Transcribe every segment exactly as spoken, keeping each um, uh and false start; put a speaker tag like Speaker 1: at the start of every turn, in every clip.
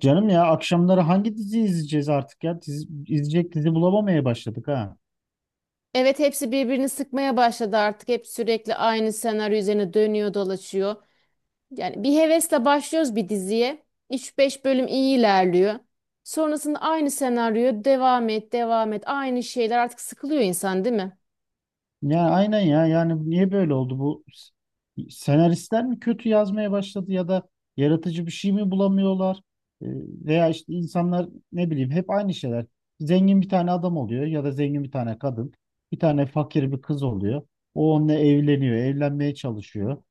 Speaker 1: Canım ya, akşamları hangi dizi izleyeceğiz artık ya? Dizi, izleyecek dizi bulamamaya başladık ha.
Speaker 2: Evet hepsi birbirini sıkmaya başladı artık. Hep sürekli aynı senaryo üzerine dönüyor dolaşıyor. Yani bir hevesle başlıyoruz bir diziye. Üç-beş bölüm iyi ilerliyor. Sonrasında aynı senaryo devam et devam et aynı şeyler artık sıkılıyor insan değil mi?
Speaker 1: Ya aynen ya, yani niye böyle oldu bu? S- Senaristler mi kötü yazmaya başladı, ya da yaratıcı bir şey mi bulamıyorlar? Ee, Veya işte insanlar ne bileyim, hep aynı şeyler. Zengin bir tane adam oluyor ya da zengin bir tane kadın. Bir tane fakir bir kız oluyor. O onunla evleniyor, evlenmeye çalışıyor.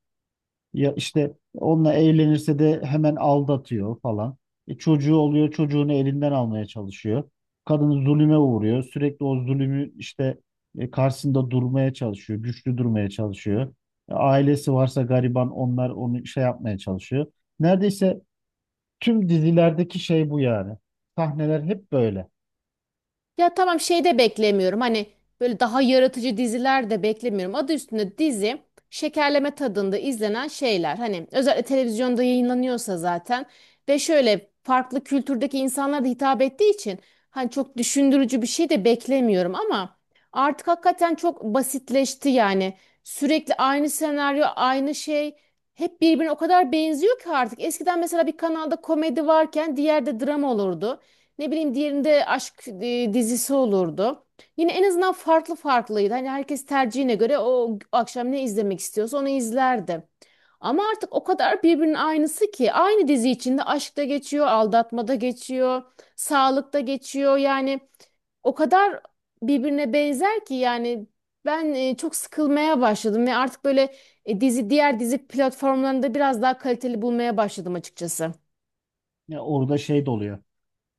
Speaker 1: Ya işte onunla evlenirse de hemen aldatıyor falan. E çocuğu oluyor, çocuğunu elinden almaya çalışıyor. Kadın zulüme uğruyor. Sürekli o zulümü işte e, karşısında durmaya çalışıyor, güçlü durmaya çalışıyor. E, ailesi varsa gariban, onlar onu şey yapmaya çalışıyor. Neredeyse tüm dizilerdeki şey bu yani. Sahneler hep böyle.
Speaker 2: Ya tamam şey de beklemiyorum. Hani böyle daha yaratıcı diziler de beklemiyorum. Adı üstünde dizi şekerleme tadında izlenen şeyler. Hani özellikle televizyonda yayınlanıyorsa zaten ve şöyle farklı kültürdeki insanlara da hitap ettiği için hani çok düşündürücü bir şey de beklemiyorum ama artık hakikaten çok basitleşti yani. Sürekli aynı senaryo, aynı şey hep birbirine o kadar benziyor ki artık. Eskiden mesela bir kanalda komedi varken diğerde drama olurdu. Ne bileyim diğerinde aşk e, dizisi olurdu. Yine en azından farklı farklıydı. Hani herkes tercihine göre o akşam ne izlemek istiyorsa onu izlerdi. Ama artık o kadar birbirinin aynısı ki aynı dizi içinde aşkta geçiyor, aldatmada geçiyor, sağlıkta geçiyor. Yani o kadar birbirine benzer ki yani ben e, çok sıkılmaya başladım ve artık böyle e, dizi diğer dizi platformlarında biraz daha kaliteli bulmaya başladım açıkçası.
Speaker 1: Ya orada şey de oluyor.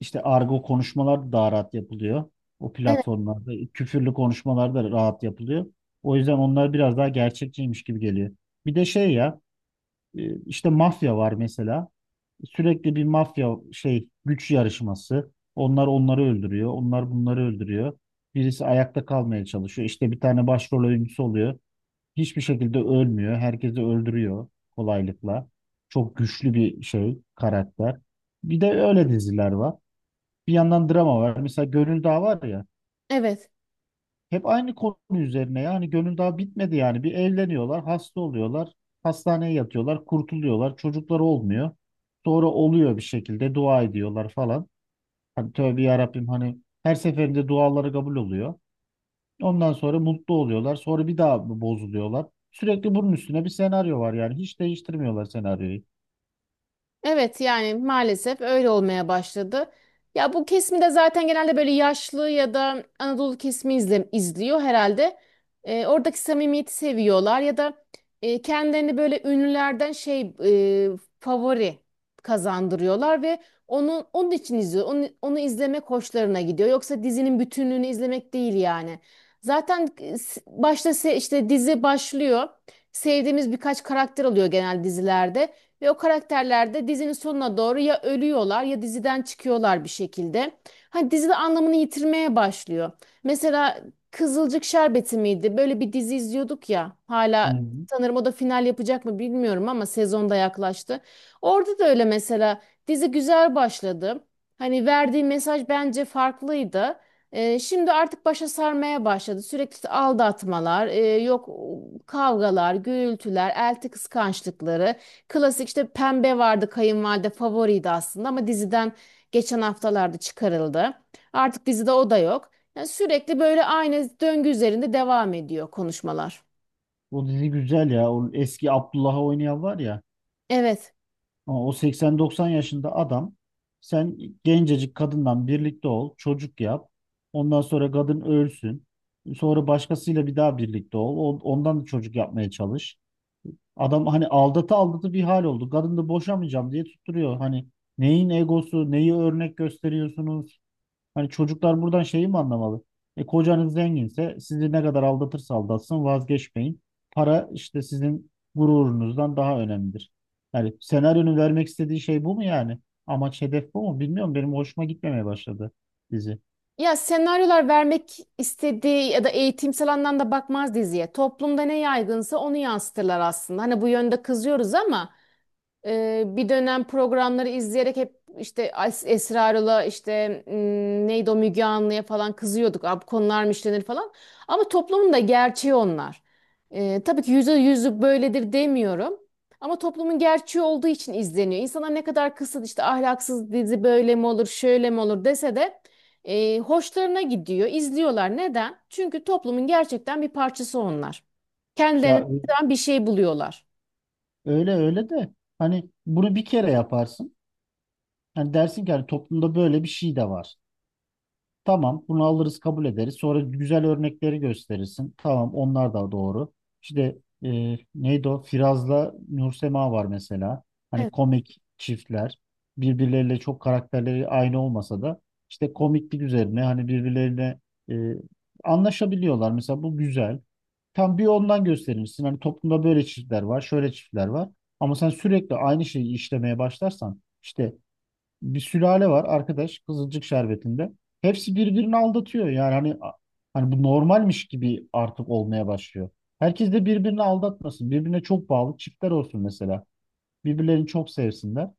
Speaker 1: İşte argo konuşmalar da daha rahat yapılıyor. O
Speaker 2: Evet.
Speaker 1: platformlarda küfürlü konuşmalar da rahat yapılıyor. O yüzden onlar biraz daha gerçekçiymiş gibi geliyor. Bir de şey ya, e, işte mafya var mesela. Sürekli bir mafya şey, güç yarışması. Onlar onları öldürüyor. Onlar bunları öldürüyor. Birisi ayakta kalmaya çalışıyor. İşte bir tane başrol oyuncusu oluyor. Hiçbir şekilde ölmüyor. Herkesi öldürüyor kolaylıkla. Çok güçlü bir şey karakter. Bir de öyle diziler var. Bir yandan drama var. Mesela Gönül Dağı var ya.
Speaker 2: Evet.
Speaker 1: Hep aynı konu üzerine, yani Gönül Dağı bitmedi yani. Bir evleniyorlar, hasta oluyorlar. Hastaneye yatıyorlar, kurtuluyorlar. Çocukları olmuyor. Sonra oluyor bir şekilde, dua ediyorlar falan. Hani tövbe ya Rabbim, hani her seferinde duaları kabul oluyor. Ondan sonra mutlu oluyorlar. Sonra bir daha bozuluyorlar. Sürekli bunun üstüne bir senaryo var yani. Hiç değiştirmiyorlar senaryoyu.
Speaker 2: Evet yani maalesef öyle olmaya başladı. Ya bu kesimi de zaten genelde böyle yaşlı ya da Anadolu kesimi izle, izliyor herhalde. Ee, oradaki samimiyeti seviyorlar ya da e, kendilerini böyle ünlülerden şey e, favori kazandırıyorlar ve onu onun için izliyor. Onu, onu izlemek hoşlarına gidiyor. Yoksa dizinin bütünlüğünü izlemek değil yani. Zaten e, s- başta se- işte dizi başlıyor. Sevdiğimiz birkaç karakter oluyor genel dizilerde. Ve o karakterler de dizinin sonuna doğru ya ölüyorlar ya diziden çıkıyorlar bir şekilde. Hani dizi de anlamını yitirmeye başlıyor. Mesela Kızılcık Şerbeti miydi? Böyle bir dizi izliyorduk ya.
Speaker 1: Hı
Speaker 2: Hala
Speaker 1: hı.
Speaker 2: sanırım o da final yapacak mı bilmiyorum ama sezonda yaklaştı. Orada da öyle mesela dizi güzel başladı. Hani verdiği mesaj bence farklıydı. Ee, şimdi artık başa sarmaya başladı. Sürekli aldatmalar, e, yok kavgalar, gürültüler, elti kıskançlıkları. Klasik işte Pembe vardı, kayınvalide favoriydi aslında ama diziden geçen haftalarda çıkarıldı. Artık dizide o da yok. Yani sürekli böyle aynı döngü üzerinde devam ediyor konuşmalar.
Speaker 1: O dizi güzel ya. O eski Abdullah'ı oynayan var ya.
Speaker 2: Evet.
Speaker 1: Ama o seksen doksan yaşında adam, sen gencecik kadından birlikte ol, çocuk yap. Ondan sonra kadın ölsün. Sonra başkasıyla bir daha birlikte ol. on- Ondan da çocuk yapmaya çalış. Adam hani aldatı aldatı bir hal oldu. Kadın da boşamayacağım diye tutturuyor. Hani neyin egosu, neyi örnek gösteriyorsunuz? Hani çocuklar buradan şeyi mi anlamalı? E kocanız zenginse sizi ne kadar aldatırsa aldatsın vazgeçmeyin. Para işte sizin gururunuzdan daha önemlidir. Yani senaryonun vermek istediği şey bu mu yani? Amaç hedef bu mu? Bilmiyorum, benim hoşuma gitmemeye başladı dizi.
Speaker 2: Ya senaryolar vermek istediği ya da eğitimsel anlamda bakmaz diziye. Toplumda ne yaygınsa onu yansıtırlar aslında. Hani bu yönde kızıyoruz ama Ee, bir dönem programları izleyerek hep işte Es- Esra işte m, neydi o, Müge Anlı'ya falan kızıyorduk. Abi konular mı işlenir falan. Ama toplumun da gerçeği onlar. Ee, tabii ki yüzde yüzü böyledir demiyorum. Ama toplumun gerçeği olduğu için izleniyor. İnsanlar ne kadar kısıt işte ahlaksız dizi böyle mi olur şöyle mi olur dese de e, hoşlarına gidiyor. İzliyorlar. Neden? Çünkü toplumun gerçekten bir parçası onlar.
Speaker 1: Ya
Speaker 2: Kendilerini
Speaker 1: ö-
Speaker 2: buradan bir şey buluyorlar.
Speaker 1: Öyle öyle de hani bunu bir kere yaparsın. Hani dersin ki hani toplumda böyle bir şey de var. Tamam, bunu alırız, kabul ederiz. Sonra güzel örnekleri gösterirsin. Tamam, onlar da doğru. İşte e, neydi o? Firaz'la Nursema var mesela. Hani
Speaker 2: Evet.
Speaker 1: komik çiftler. Birbirleriyle çok karakterleri aynı olmasa da işte komiklik üzerine hani birbirlerine e, anlaşabiliyorlar. Mesela bu güzel. Tam bir ondan gösterirsin. Hani toplumda böyle çiftler var, şöyle çiftler var. Ama sen sürekli aynı şeyi işlemeye başlarsan işte, bir sülale var arkadaş Kızılcık Şerbeti'nde. Hepsi birbirini aldatıyor. Yani hani hani bu normalmiş gibi artık olmaya başlıyor. Herkes de birbirini aldatmasın. Birbirine çok bağlı çiftler olsun mesela. Birbirlerini çok sevsinler.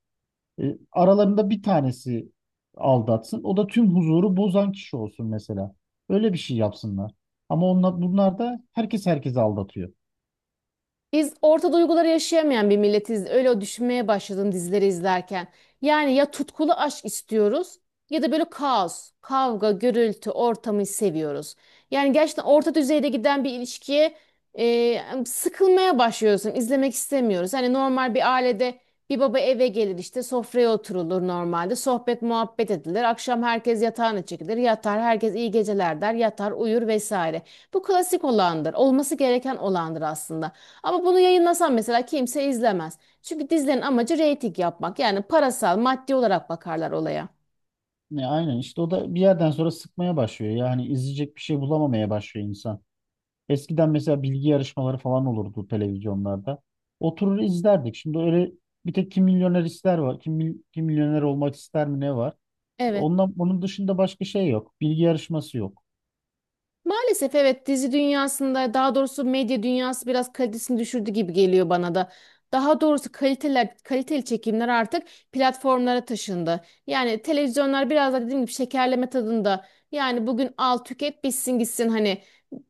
Speaker 1: E, aralarında bir tanesi aldatsın. O da tüm huzuru bozan kişi olsun mesela. Öyle bir şey yapsınlar. Ama onlar, bunlar da herkes herkesi aldatıyor.
Speaker 2: Biz orta duyguları yaşayamayan bir milletiz. Öyle o düşünmeye başladım dizileri izlerken. Yani ya tutkulu aşk istiyoruz ya da böyle kaos, kavga, gürültü ortamı seviyoruz. Yani gerçekten orta düzeyde giden bir ilişkiye e, sıkılmaya başlıyorsun. İzlemek istemiyoruz. Hani normal bir ailede bir baba eve gelir, işte sofraya oturulur normalde. Sohbet muhabbet edilir. Akşam herkes yatağına çekilir. Yatar, herkes iyi geceler der. Yatar uyur vesaire. Bu klasik olandır. Olması gereken olandır aslında. Ama bunu yayınlasan mesela kimse izlemez. Çünkü dizilerin amacı reyting yapmak. Yani parasal, maddi olarak bakarlar olaya.
Speaker 1: Ne, aynen işte o da bir yerden sonra sıkmaya başlıyor. Yani izleyecek bir şey bulamamaya başlıyor insan. Eskiden mesela bilgi yarışmaları falan olurdu televizyonlarda. Oturur izlerdik. Şimdi öyle bir tek Kim Milyoner ister var. Kim, mil- kim milyoner olmak ister mi ne var?
Speaker 2: Evet.
Speaker 1: Ondan, onun dışında başka şey yok. Bilgi yarışması yok.
Speaker 2: Maalesef evet, dizi dünyasında, daha doğrusu medya dünyası biraz kalitesini düşürdü gibi geliyor bana da. Daha doğrusu kaliteler, kaliteli çekimler artık platformlara taşındı. Yani televizyonlar biraz da dediğim gibi şekerleme tadında. Yani bugün al, tüket, bitsin gitsin, hani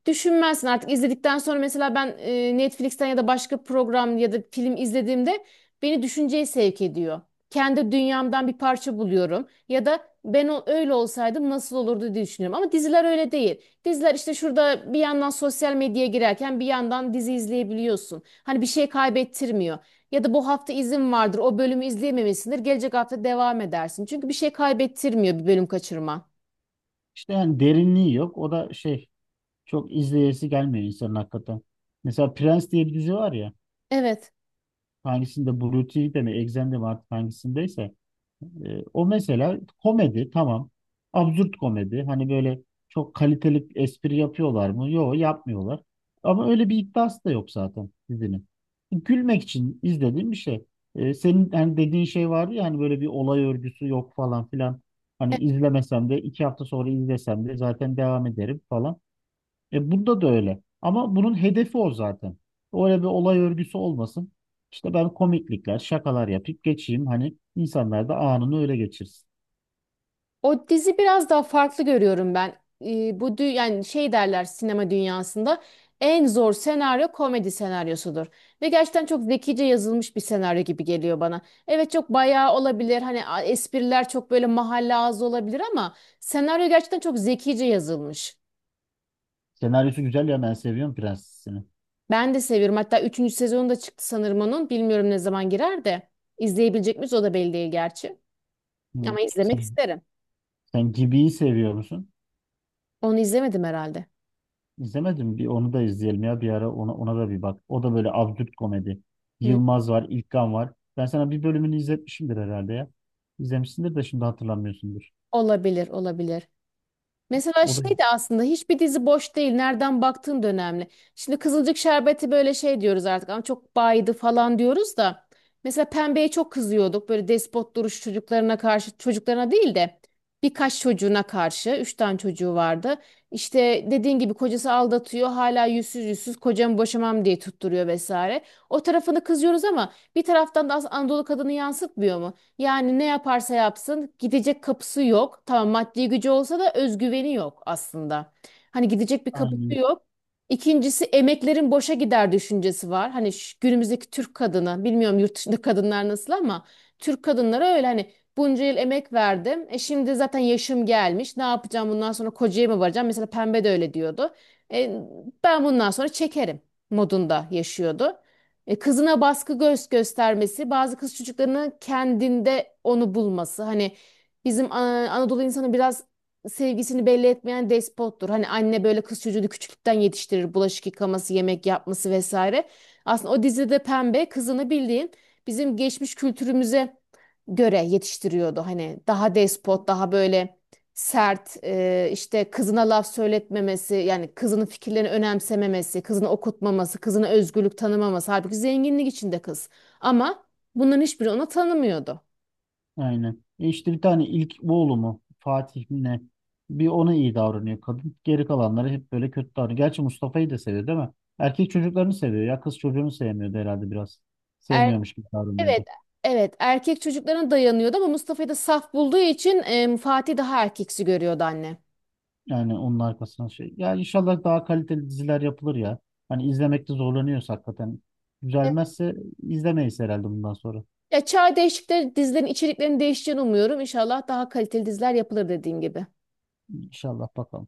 Speaker 2: düşünmezsin artık izledikten sonra. Mesela ben e, Netflix'ten ya da başka program ya da film izlediğimde beni düşünceye sevk ediyor. Kendi dünyamdan bir parça buluyorum ya da ben o, öyle olsaydım nasıl olurdu diye düşünüyorum ama diziler öyle değil. Diziler işte şurada bir yandan sosyal medyaya girerken bir yandan dizi izleyebiliyorsun. Hani bir şey kaybettirmiyor. Ya da bu hafta izin vardır, o bölümü izleyememişsindir. Gelecek hafta devam edersin. Çünkü bir şey kaybettirmiyor bir bölüm kaçırma.
Speaker 1: İşte yani derinliği yok. O da şey, çok izleyesi gelmiyor insanın hakikaten. Mesela Prens diye bir dizi var ya.
Speaker 2: Evet.
Speaker 1: Hangisinde Blue T V'de mi Exxen'de mi artık hangisindeyse. E, o mesela komedi tamam. Absürt komedi. Hani böyle çok kaliteli espri yapıyorlar mı? Yok, yapmıyorlar. Ama öyle bir iddiası da yok zaten dizinin. Gülmek için izlediğim bir şey. E, senin hani dediğin şey vardı ya, hani böyle bir olay örgüsü yok falan filan. Hani izlemesem de iki hafta sonra izlesem de zaten devam ederim falan. E bunda da öyle. Ama bunun hedefi o zaten. Öyle bir olay örgüsü olmasın. İşte ben komiklikler, şakalar yapıp geçeyim. Hani insanlar da anını öyle geçirsin.
Speaker 2: O dizi biraz daha farklı görüyorum ben. Ee, bu dü- yani şey derler sinema dünyasında, en zor senaryo komedi senaryosudur. Ve gerçekten çok zekice yazılmış bir senaryo gibi geliyor bana. Evet, çok bayağı olabilir. Hani a- espriler çok böyle mahalle ağzı olabilir ama senaryo gerçekten çok zekice yazılmış.
Speaker 1: Senaryosu güzel ya, ben seviyorum Prensesini.
Speaker 2: Ben de seviyorum. Hatta üçüncü sezonu da çıktı sanırım onun. Bilmiyorum ne zaman girer de. İzleyebilecek miyiz, o da belli değil gerçi.
Speaker 1: Hı.
Speaker 2: Ama izlemek
Speaker 1: Sen,
Speaker 2: isterim.
Speaker 1: sen Gibi'yi seviyor musun?
Speaker 2: Onu izlemedim herhalde.
Speaker 1: İzlemedim. Bir onu da izleyelim ya bir ara, ona, ona da bir bak. O da böyle absürt komedi.
Speaker 2: Hı,
Speaker 1: Yılmaz var, İlkan var. Ben sana bir bölümünü izletmişimdir herhalde ya. İzlemişsindir de şimdi hatırlamıyorsundur.
Speaker 2: olabilir, olabilir. Mesela
Speaker 1: O da
Speaker 2: şey de, aslında hiçbir dizi boş değil. Nereden baktığın da önemli. Şimdi Kızılcık Şerbeti böyle şey diyoruz artık, ama çok baydı falan diyoruz da. Mesela Pembe'ye çok kızıyorduk. Böyle despot duruş çocuklarına karşı, çocuklarına değil de birkaç çocuğuna karşı. Üç tane çocuğu vardı. İşte dediğin gibi kocası aldatıyor. Hala yüzsüz yüzsüz kocamı boşamam diye tutturuyor vesaire. O tarafını kızıyoruz ama bir taraftan da aslında Anadolu kadını yansıtmıyor mu? Yani ne yaparsa yapsın gidecek kapısı yok. Tamam maddi gücü olsa da özgüveni yok aslında. Hani gidecek bir kapısı
Speaker 1: aynı.
Speaker 2: yok. İkincisi, emeklerin boşa gider düşüncesi var. Hani şu günümüzdeki Türk kadını, bilmiyorum yurt dışında kadınlar nasıl, ama Türk kadınları öyle, hani bunca yıl emek verdim. E şimdi zaten yaşım gelmiş, ne yapacağım bundan sonra, kocaya mı varacağım? Mesela Pembe de öyle diyordu. E, ben bundan sonra çekerim modunda yaşıyordu. E, kızına baskı göz göstermesi, bazı kız çocuklarının kendinde onu bulması. Hani bizim e, Anadolu insanı biraz sevgisini belli etmeyen despottur. Hani anne böyle kız çocuğunu küçüklükten yetiştirir, bulaşık yıkaması, yemek yapması vesaire. Aslında o dizide Pembe kızını bildiğin bizim geçmiş kültürümüze göre yetiştiriyordu. Hani daha despot, daha böyle sert, e, işte kızına laf söyletmemesi, yani kızının fikirlerini önemsememesi, kızını okutmaması, kızına özgürlük tanımaması. Halbuki zenginlik içinde kız. Ama bunların hiçbiri ona tanımıyordu.
Speaker 1: Aynen. E işte bir tane ilk oğlu mu, Fatih mi ne? Bir ona iyi davranıyor kadın. Geri kalanları hep böyle kötü davranıyor. Gerçi Mustafa'yı da seviyor değil mi? Erkek çocuklarını seviyor ya. Kız çocuğunu sevmiyordu herhalde biraz.
Speaker 2: Er,
Speaker 1: Sevmiyormuş gibi davranıyordu.
Speaker 2: evet, evet, erkek çocuklarına dayanıyordu ama Mustafa'yı da saf bulduğu için e, Fatih daha erkeksi görüyordu anne.
Speaker 1: Yani onun arkasına şey. Ya inşallah daha kaliteli diziler yapılır ya. Hani izlemekte zorlanıyoruz hakikaten.
Speaker 2: Evet.
Speaker 1: Güzelmezse izlemeyiz herhalde bundan sonra.
Speaker 2: Ya çağ değişikleri dizilerin içeriklerinin değişeceğini umuyorum. İnşallah daha kaliteli diziler yapılır dediğin gibi.
Speaker 1: İnşallah bakalım.